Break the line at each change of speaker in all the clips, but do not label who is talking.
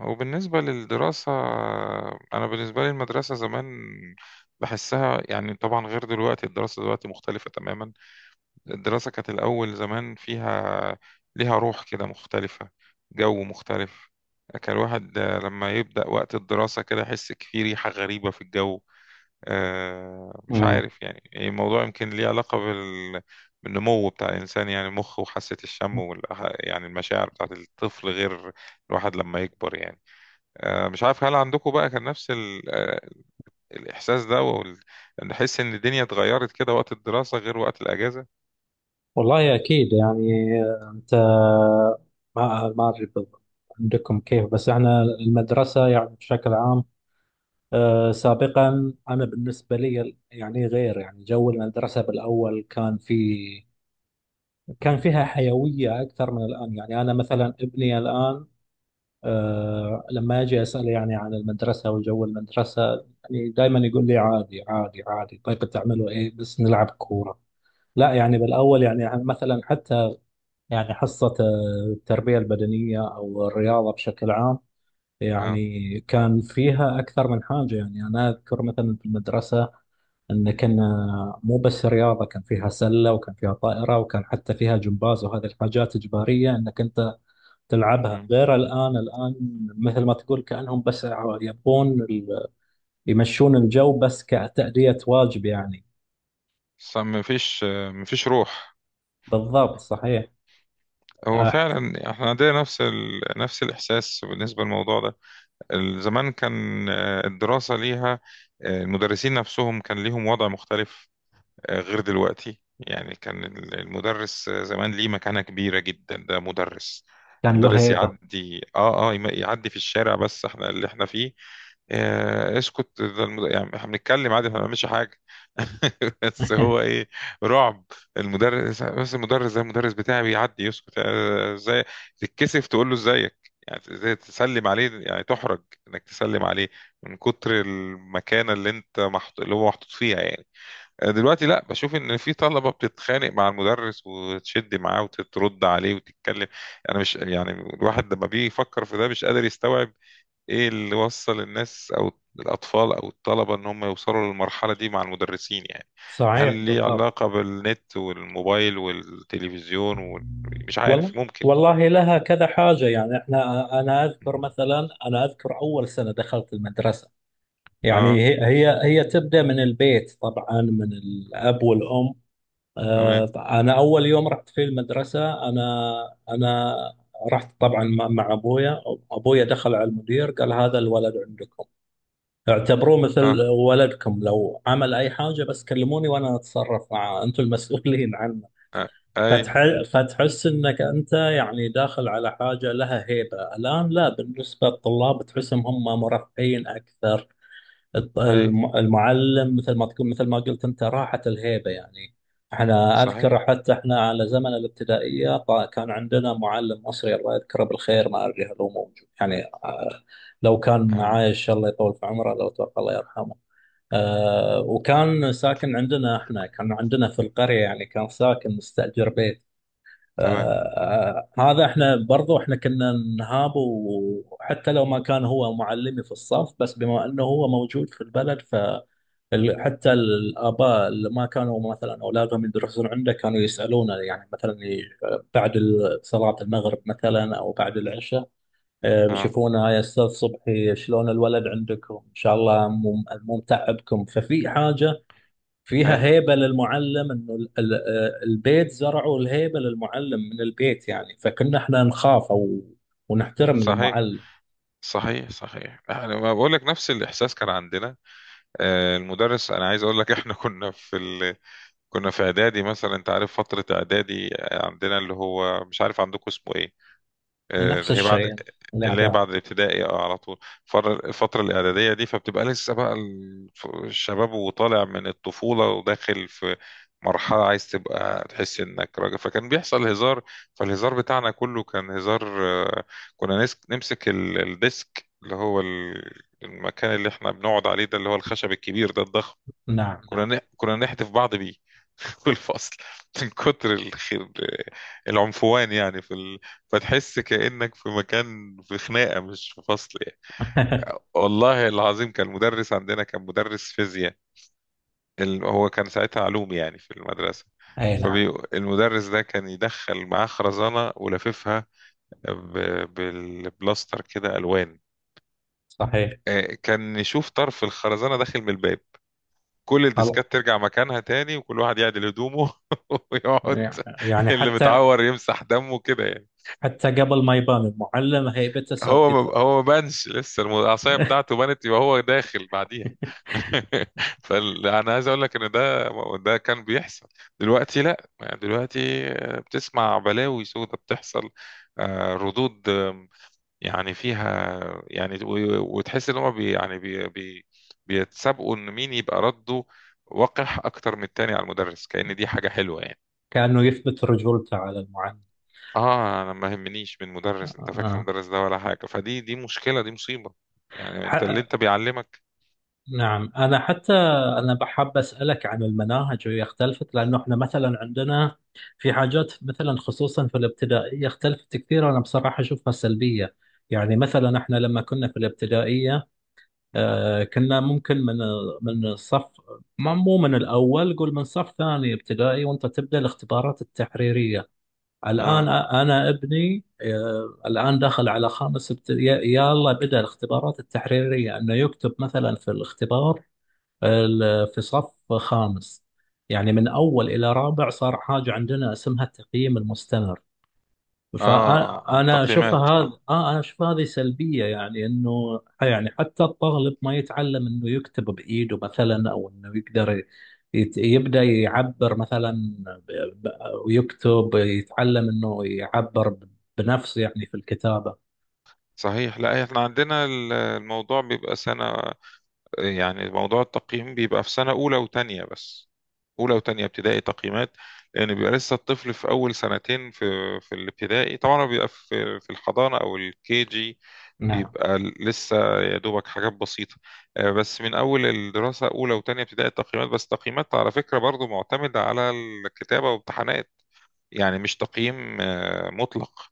وبالنسبة للدراسة، أنا بالنسبة لي المدرسة زمان بحسها يعني طبعا غير دلوقتي. الدراسة دلوقتي مختلفة تماما. الدراسة كانت الأول زمان فيها، ليها روح كده مختلفة، جو مختلف. كان الواحد لما يبدأ وقت الدراسة كده يحس في ريحة غريبة في الجو. مش
مم.
عارف يعني الموضوع يمكن ليه علاقة بالنمو بتاع الإنسان، يعني المخ وحاسة الشم يعني المشاعر بتاعت الطفل غير الواحد لما يكبر يعني. مش عارف هل عندكم بقى كان نفس الإحساس ده نحس إن الدنيا اتغيرت كده، وقت الدراسة غير وقت الأجازة.
والله أكيد يعني، أنت ما أدري بالضبط عندكم كيف، بس احنا المدرسة يعني بشكل عام، سابقا أنا بالنسبة لي يعني غير، يعني جو المدرسة بالأول كان فيها حيوية أكثر من الآن. يعني أنا مثلا ابني الآن، لما أجي أسأله يعني عن المدرسة وجو المدرسة، يعني دائما يقول لي: عادي، عادي، عادي. طيب بتعملوا إيه؟ بس نلعب كورة. لا، يعني بالأول يعني مثلا، حتى يعني حصة التربية البدنية أو الرياضة بشكل عام،
اه.
يعني كان فيها أكثر من حاجة. يعني أنا أذكر مثلا في المدرسة أن كنا مو بس رياضة، كان فيها سلة وكان فيها طائرة وكان حتى فيها جمباز، وهذه الحاجات إجبارية أنك أنت تلعبها،
مم.
غير الآن. مثل ما تقول، كأنهم بس يبون يمشون الجو بس كتأدية واجب يعني.
بس مفيش، مفيش روح.
بالضبط، صحيح.
هو
أح-
فعلا احنا عندنا نفس نفس الإحساس بالنسبة للموضوع ده. زمان كان، الدراسة ليها، المدرسين نفسهم كان ليهم وضع مختلف، غير دلوقتي. يعني كان المدرس زمان ليه مكانة كبيرة جدا. ده مدرس،
كان له
مدرس
هيبة.
يعدي يعدي في الشارع، بس احنا اللي احنا فيه، آه اسكت يعني احنا بنتكلم عادي، احنا ما بنعملش حاجة. بس هو ايه، رعب. المدرس، بس المدرس ده المدرس بتاعي بيعدي، يسكت. ازاي تتكسف تقول له ازيك، يعني ازاي تسلم عليه، يعني تحرج انك تسلم عليه من كتر المكانة اللي اللي هو محطوط فيها يعني. دلوقتي لا، بشوف ان في طلبه بتتخانق مع المدرس وتشد معاه وترد عليه وتتكلم. انا مش، يعني الواحد لما بيجي يفكر في ده مش قادر يستوعب ايه اللي وصل الناس او الاطفال او الطلبه ان هم يوصلوا للمرحله دي مع المدرسين يعني. هل
صحيح،
ليه
بالضبط.
علاقه بالنت والموبايل والتلفزيون ومش
والله،
عارف، ممكن.
والله لها كذا حاجة. يعني احنا، انا اذكر مثلا، انا اذكر اول سنة دخلت المدرسة. يعني
اه.
هي تبدأ من البيت طبعا، من الاب والام. آه،
تمام.
انا اول يوم رحت في المدرسة، انا رحت طبعا مع ابويا. ابويا دخل على المدير، قال: هذا الولد عندكم، اعتبروه مثل
اه,
ولدكم، لو عمل اي حاجة بس كلموني، وانا اتصرف معاه، انتم المسؤولين عنه.
آه. اي.
فتحس انك انت يعني داخل على حاجه لها هيبه. الان لا، بالنسبه للطلاب تحسهم هم مرفهين اكثر.
اي.
المعلم، مثل ما قلت انت، راحت الهيبه يعني. احنا اذكر
صحيح.
حتى، احنا على زمن الابتدائيه كان عندنا معلم مصري، الله يذكره بالخير، ما ادري هل هو موجود يعني. لو كان
آمين.
عايش الله يطول في عمره، لو توفى الله يرحمه. وكان ساكن عندنا، احنا كان عندنا في القريه يعني، كان ساكن مستاجر بيت.
تمام.
هذا احنا برضو احنا كنا نهاب، وحتى لو ما كان هو معلمي في الصف، بس بما انه هو موجود في البلد، فحتى الاباء اللي ما كانوا مثلا اولادهم يدرسون عنده كانوا يسالونه، يعني مثلا بعد صلاه المغرب مثلا او بعد العشاء.
اه.
بيشوفونه: يا استاذ صبحي، شلون الولد عندكم؟ ان شاء الله مو متعبكم. ففي حاجه
اي.
فيها هيبة للمعلم، انه البيت زرعوا الهيبة للمعلم من البيت يعني، فكنا احنا نخاف او ونحترم
صحيح.
المعلم.
صحيح، انا ما بقول لك نفس الاحساس كان عندنا. المدرس، انا عايز اقول لك احنا كنا في كنا في اعدادي مثلا، انت عارف فتره اعدادي، عندنا اللي هو، مش عارف عندكم اسمه ايه،
نفس
اللي هي بعد،
الشيء.
اللي هي
الاعداد.
بعد الابتدائي اه على طول. الفترة الإعدادية دي فبتبقى لسه بقى الشباب وطالع من الطفولة وداخل في مرحلة عايز تبقى تحس إنك راجل، فكان بيحصل هزار. فالهزار بتاعنا كله كان هزار. كنا نمسك الديسك، اللي هو المكان اللي احنا بنقعد عليه ده، اللي هو الخشب الكبير ده الضخم،
نعم، نعم.
كنا نحدف بعض بيه في الفصل، من كتر الخير، العنفوان يعني في فتحس كأنك في مكان، في خناقة مش في فصل يعني. والله العظيم كان المدرس عندنا كان مدرس فيزياء، هو كان ساعتها علوم يعني في المدرسة.
اي، نعم،
فالمدرس ده كان يدخل معاه خرزانة ولففها ب... بالبلاستر كده ألوان.
صحيح.
كان يشوف طرف الخرزانة داخل من الباب، كل
خلاص،
الديسكات ترجع مكانها تاني، وكل واحد يعدل هدومه ويقعد،
يعني
اللي
حتى،
متعور يمسح دمه كده يعني.
قبل ما يبان المعلم هيبته
هو ما
سبقته.
ما بانش لسه، العصايه بتاعته بانت، يبقى هو داخل بعديها. فانا عايز اقول لك ان ده، ده كان بيحصل. دلوقتي لا، يعني دلوقتي بتسمع بلاوي سودة بتحصل. ردود يعني فيها يعني، وتحس ان هم بي يعني بي بي بيتسابقوا ان مين يبقى رده وقح اكتر من التاني على المدرس، كأن دي حاجة حلوة يعني.
كأنه يثبت رجولته على المعلم.
اه، انا ما يهمنيش من مدرس، انت فاكر
آه.
المدرس ده ولا حاجة؟ دي مشكلة، دي مصيبة يعني. انت اللي
ح-
انت بيعلمك.
نعم، أنا حتى، أنا بحب أسألك عن المناهج، وهي اختلفت لأنه إحنا مثلا عندنا في حاجات، مثلا خصوصا في الابتدائية اختلفت كثير. أنا بصراحة أشوفها سلبية، يعني مثلا إحنا لما كنا في الابتدائية،
مهم.
كنا ممكن من الصف، مو من الأول، قول من صف ثاني ابتدائي، وأنت تبدأ الاختبارات التحريرية. الآن
اه.
أنا ابني الآن داخل على خامس ابتدائي، يلا بدأ الاختبارات التحريرية أنه يكتب مثلا في الاختبار في صف خامس. يعني من أول إلى رابع صار حاجة عندنا اسمها التقييم المستمر.
اه. آه.
فأنا أشوفها
تقييمات.
هذا،
اه.
أنا أشوف هذه سلبية، يعني إنه يعني حتى الطالب ما يتعلم إنه يكتب بإيده مثلا، أو إنه يقدر يبدأ يعبر مثلا ب- ب- ويكتب، يتعلم إنه يعبر بنفسه يعني في الكتابة.
صحيح. لا، احنا عندنا الموضوع بيبقى سنة، يعني موضوع التقييم بيبقى في سنة أولى وتانية بس، أولى وتانية ابتدائي تقييمات. لأن بيبقى لسه الطفل في أول سنتين في في الابتدائي، طبعا هو بيبقى في في الحضانة أو الكي جي،
نعم،
بيبقى لسه يا دوبك حاجات بسيطة. بس من أول الدراسة أولى وتانية ابتدائي التقييمات. بس التقييمات على فكرة برضو معتمدة على الكتابة وامتحانات، يعني مش تقييم مطلق.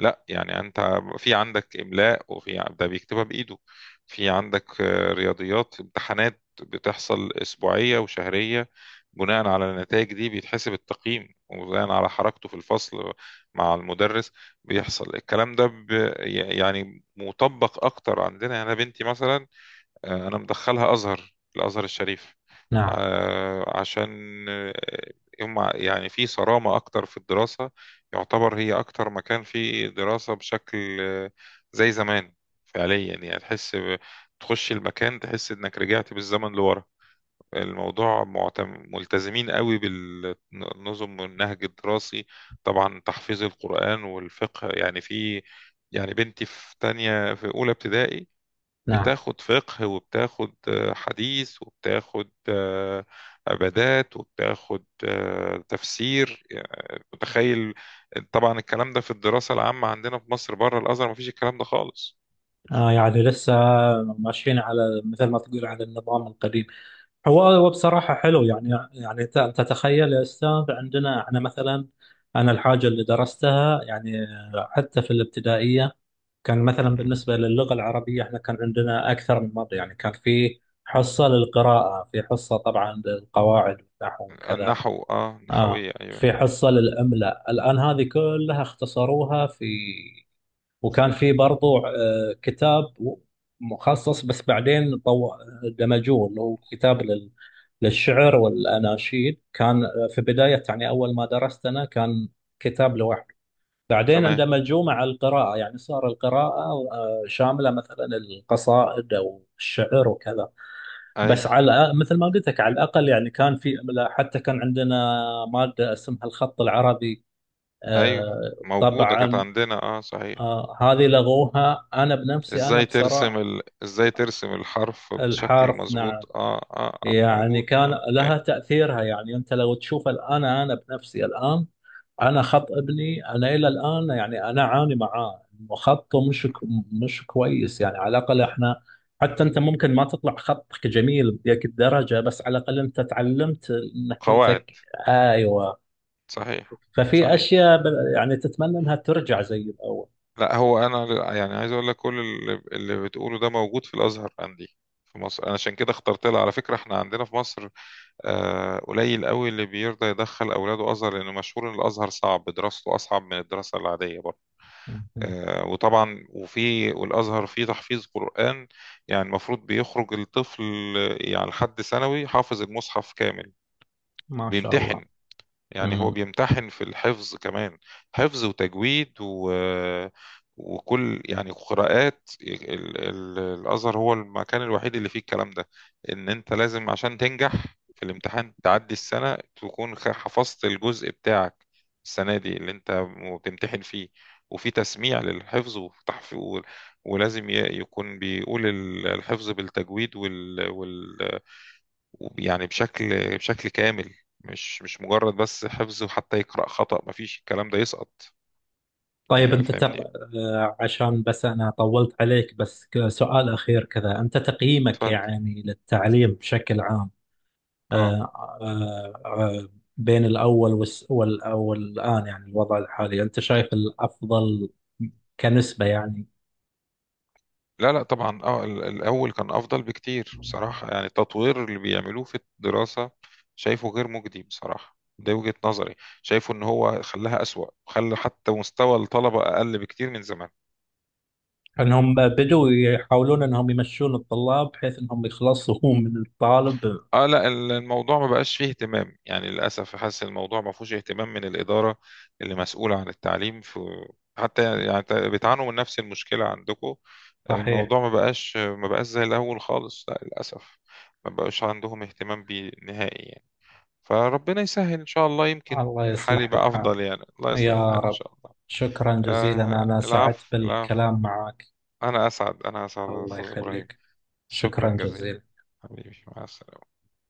لا، يعني انت في عندك املاء، وفي ده بيكتبها بايده، في عندك رياضيات، امتحانات بتحصل اسبوعيه وشهريه، بناء على النتائج دي بيتحسب التقييم، وبناء على حركته في الفصل مع المدرس بيحصل الكلام ده. يعني مطبق اكتر عندنا. يعني انا بنتي مثلا، انا مدخلها ازهر، الازهر الشريف،
نعم،
عشان، آه، هم يعني في صرامة اكتر في الدراسة، يعتبر هي اكتر مكان فيه دراسة بشكل زي زمان فعليا. يعني تحس تخش المكان تحس انك رجعت بالزمن لورا. الموضوع ملتزمين قوي بالنظم والنهج الدراسي، طبعا تحفيظ القرآن والفقه. يعني في، يعني بنتي في تانية، في أولى ابتدائي
نعم.
بتاخد فقه، وبتاخد حديث، وبتاخد عبادات، وبتاخد تفسير، يعني متخيل. طبعا الكلام ده في الدراسة العامة عندنا في مصر بره الأزهر مفيش الكلام ده خالص.
يعني لسه ماشيين، على مثل ما تقول، على النظام القديم. هو بصراحة حلو يعني، تتخيل يا أستاذ عندنا؟ أنا مثلا، أنا الحاجة اللي درستها يعني حتى في الابتدائية، كان مثلا
مم.
بالنسبة للغة العربية إحنا كان عندنا أكثر من مرة، يعني كان في حصة للقراءة، في حصة طبعا للقواعد والنحو وكذا،
النحو، اه، نحوية، ايوه.
في حصة للإملاء. الآن هذه كلها اختصروها في. وكان في برضو كتاب مخصص، بس بعدين دمجوه، اللي هو كتاب للشعر والأناشيد. كان في بداية، يعني أول ما درست أنا، كان كتاب لوحده، بعدين
تمام.
اندمجوه مع القراءة، يعني صار القراءة شاملة مثلا القصائد أو الشعر وكذا.
ايوه.
بس على مثل ما قلت لك، على الأقل يعني كان في، حتى كان عندنا مادة اسمها الخط العربي
ايوه موجودة كانت
طبعا.
عندنا اه صحيح.
هذه لغوها أنا بنفسي، أنا
ازاي ترسم
بصراحة.
ازاي ترسم الحرف بشكل
الحرف، نعم.
مظبوط، اه، آه.
يعني
موجود
كان
اه كان.
لها تأثيرها، يعني أنت لو تشوف الآن، أنا بنفسي الآن، أنا خط ابني، أنا إلى الآن يعني أنا أعاني معاه إنه خطه مش كويس. يعني على الأقل إحنا، حتى أنت ممكن ما تطلع خطك جميل بديك الدرجة، بس على الأقل أنت تعلمت إنك أنت
قواعد.
أيوه.
صحيح.
ففي
صحيح.
أشياء يعني تتمنى إنها ترجع زي الأول.
لا، هو انا يعني عايز اقول لك، كل اللي بتقوله ده موجود في الازهر عندي في مصر. انا عشان كده اخترت لها. على فكره احنا عندنا في مصر قليل قوي اللي بيرضى يدخل اولاده ازهر، لانه مشهور ان الازهر صعب، دراسته اصعب من الدراسه العاديه برضه.
مهم.
وطبعا والازهر فيه تحفيظ قران، يعني المفروض بيخرج الطفل يعني لحد ثانوي حافظ المصحف كامل.
ما شاء الله.
بيمتحن، يعني هو
مم.
بيمتحن في الحفظ كمان، حفظ وتجويد وكل يعني قراءات. الأزهر هو المكان الوحيد اللي فيه الكلام ده، إن أنت لازم عشان تنجح في الامتحان تعدي السنة تكون حفظت الجزء بتاعك السنة دي اللي أنت بتمتحن فيه. وفي تسميع للحفظ وتحفيظ، ولازم يكون بيقول الحفظ بالتجويد يعني بشكل، بشكل كامل، مش مجرد بس حفظ، وحتى يقرأ خطأ مفيش الكلام ده، يسقط.
طيب، أنت
فاهمني.
عشان بس أنا طولت عليك، بس سؤال أخير كذا. أنت تقييمك
اتفضل.
يعني للتعليم بشكل عام،
اه.
آه، آه، آه، بين الأول والآن يعني الوضع الحالي، أنت شايف الأفضل كنسبة يعني؟
لا لا، طبعا اه الاول كان افضل بكتير بصراحة. يعني التطوير اللي بيعملوه في الدراسة شايفه غير مجدي بصراحة، ده وجهة نظري. شايفه ان هو خلاها اسوأ، خلى حتى مستوى الطلبة اقل بكتير من زمان.
أنهم بدوا يحاولون أنهم يمشون الطلاب بحيث أنهم يخلصوا من الطالب.
اه، لا الموضوع ما بقاش فيه اهتمام يعني للاسف. حاسس الموضوع ما فيهوش اهتمام من الاداره اللي مسؤوله عن التعليم في، حتى يعني بتعانوا من نفس المشكله عندكم.
صحيح.
الموضوع ما بقاش، زي الاول خالص، لا للاسف. ما بقاش عندهم اهتمام بيه نهائي يعني. فربنا يسهل ان شاء الله، يمكن
الله
الحال
يصلح
يبقى
الحال،
افضل، يعني الله يصلح
يا
الحال ان
رب.
شاء الله.
شكرا جزيلا،
آه،
أنا سعدت
العفو، العفو.
بالكلام معك.
انا اسعد، انا اسعد يا
الله
استاذ ابراهيم.
يخليك.
شكرا
شكرا
جزيلا.
جزيلا.
حبيبي مع السلامه.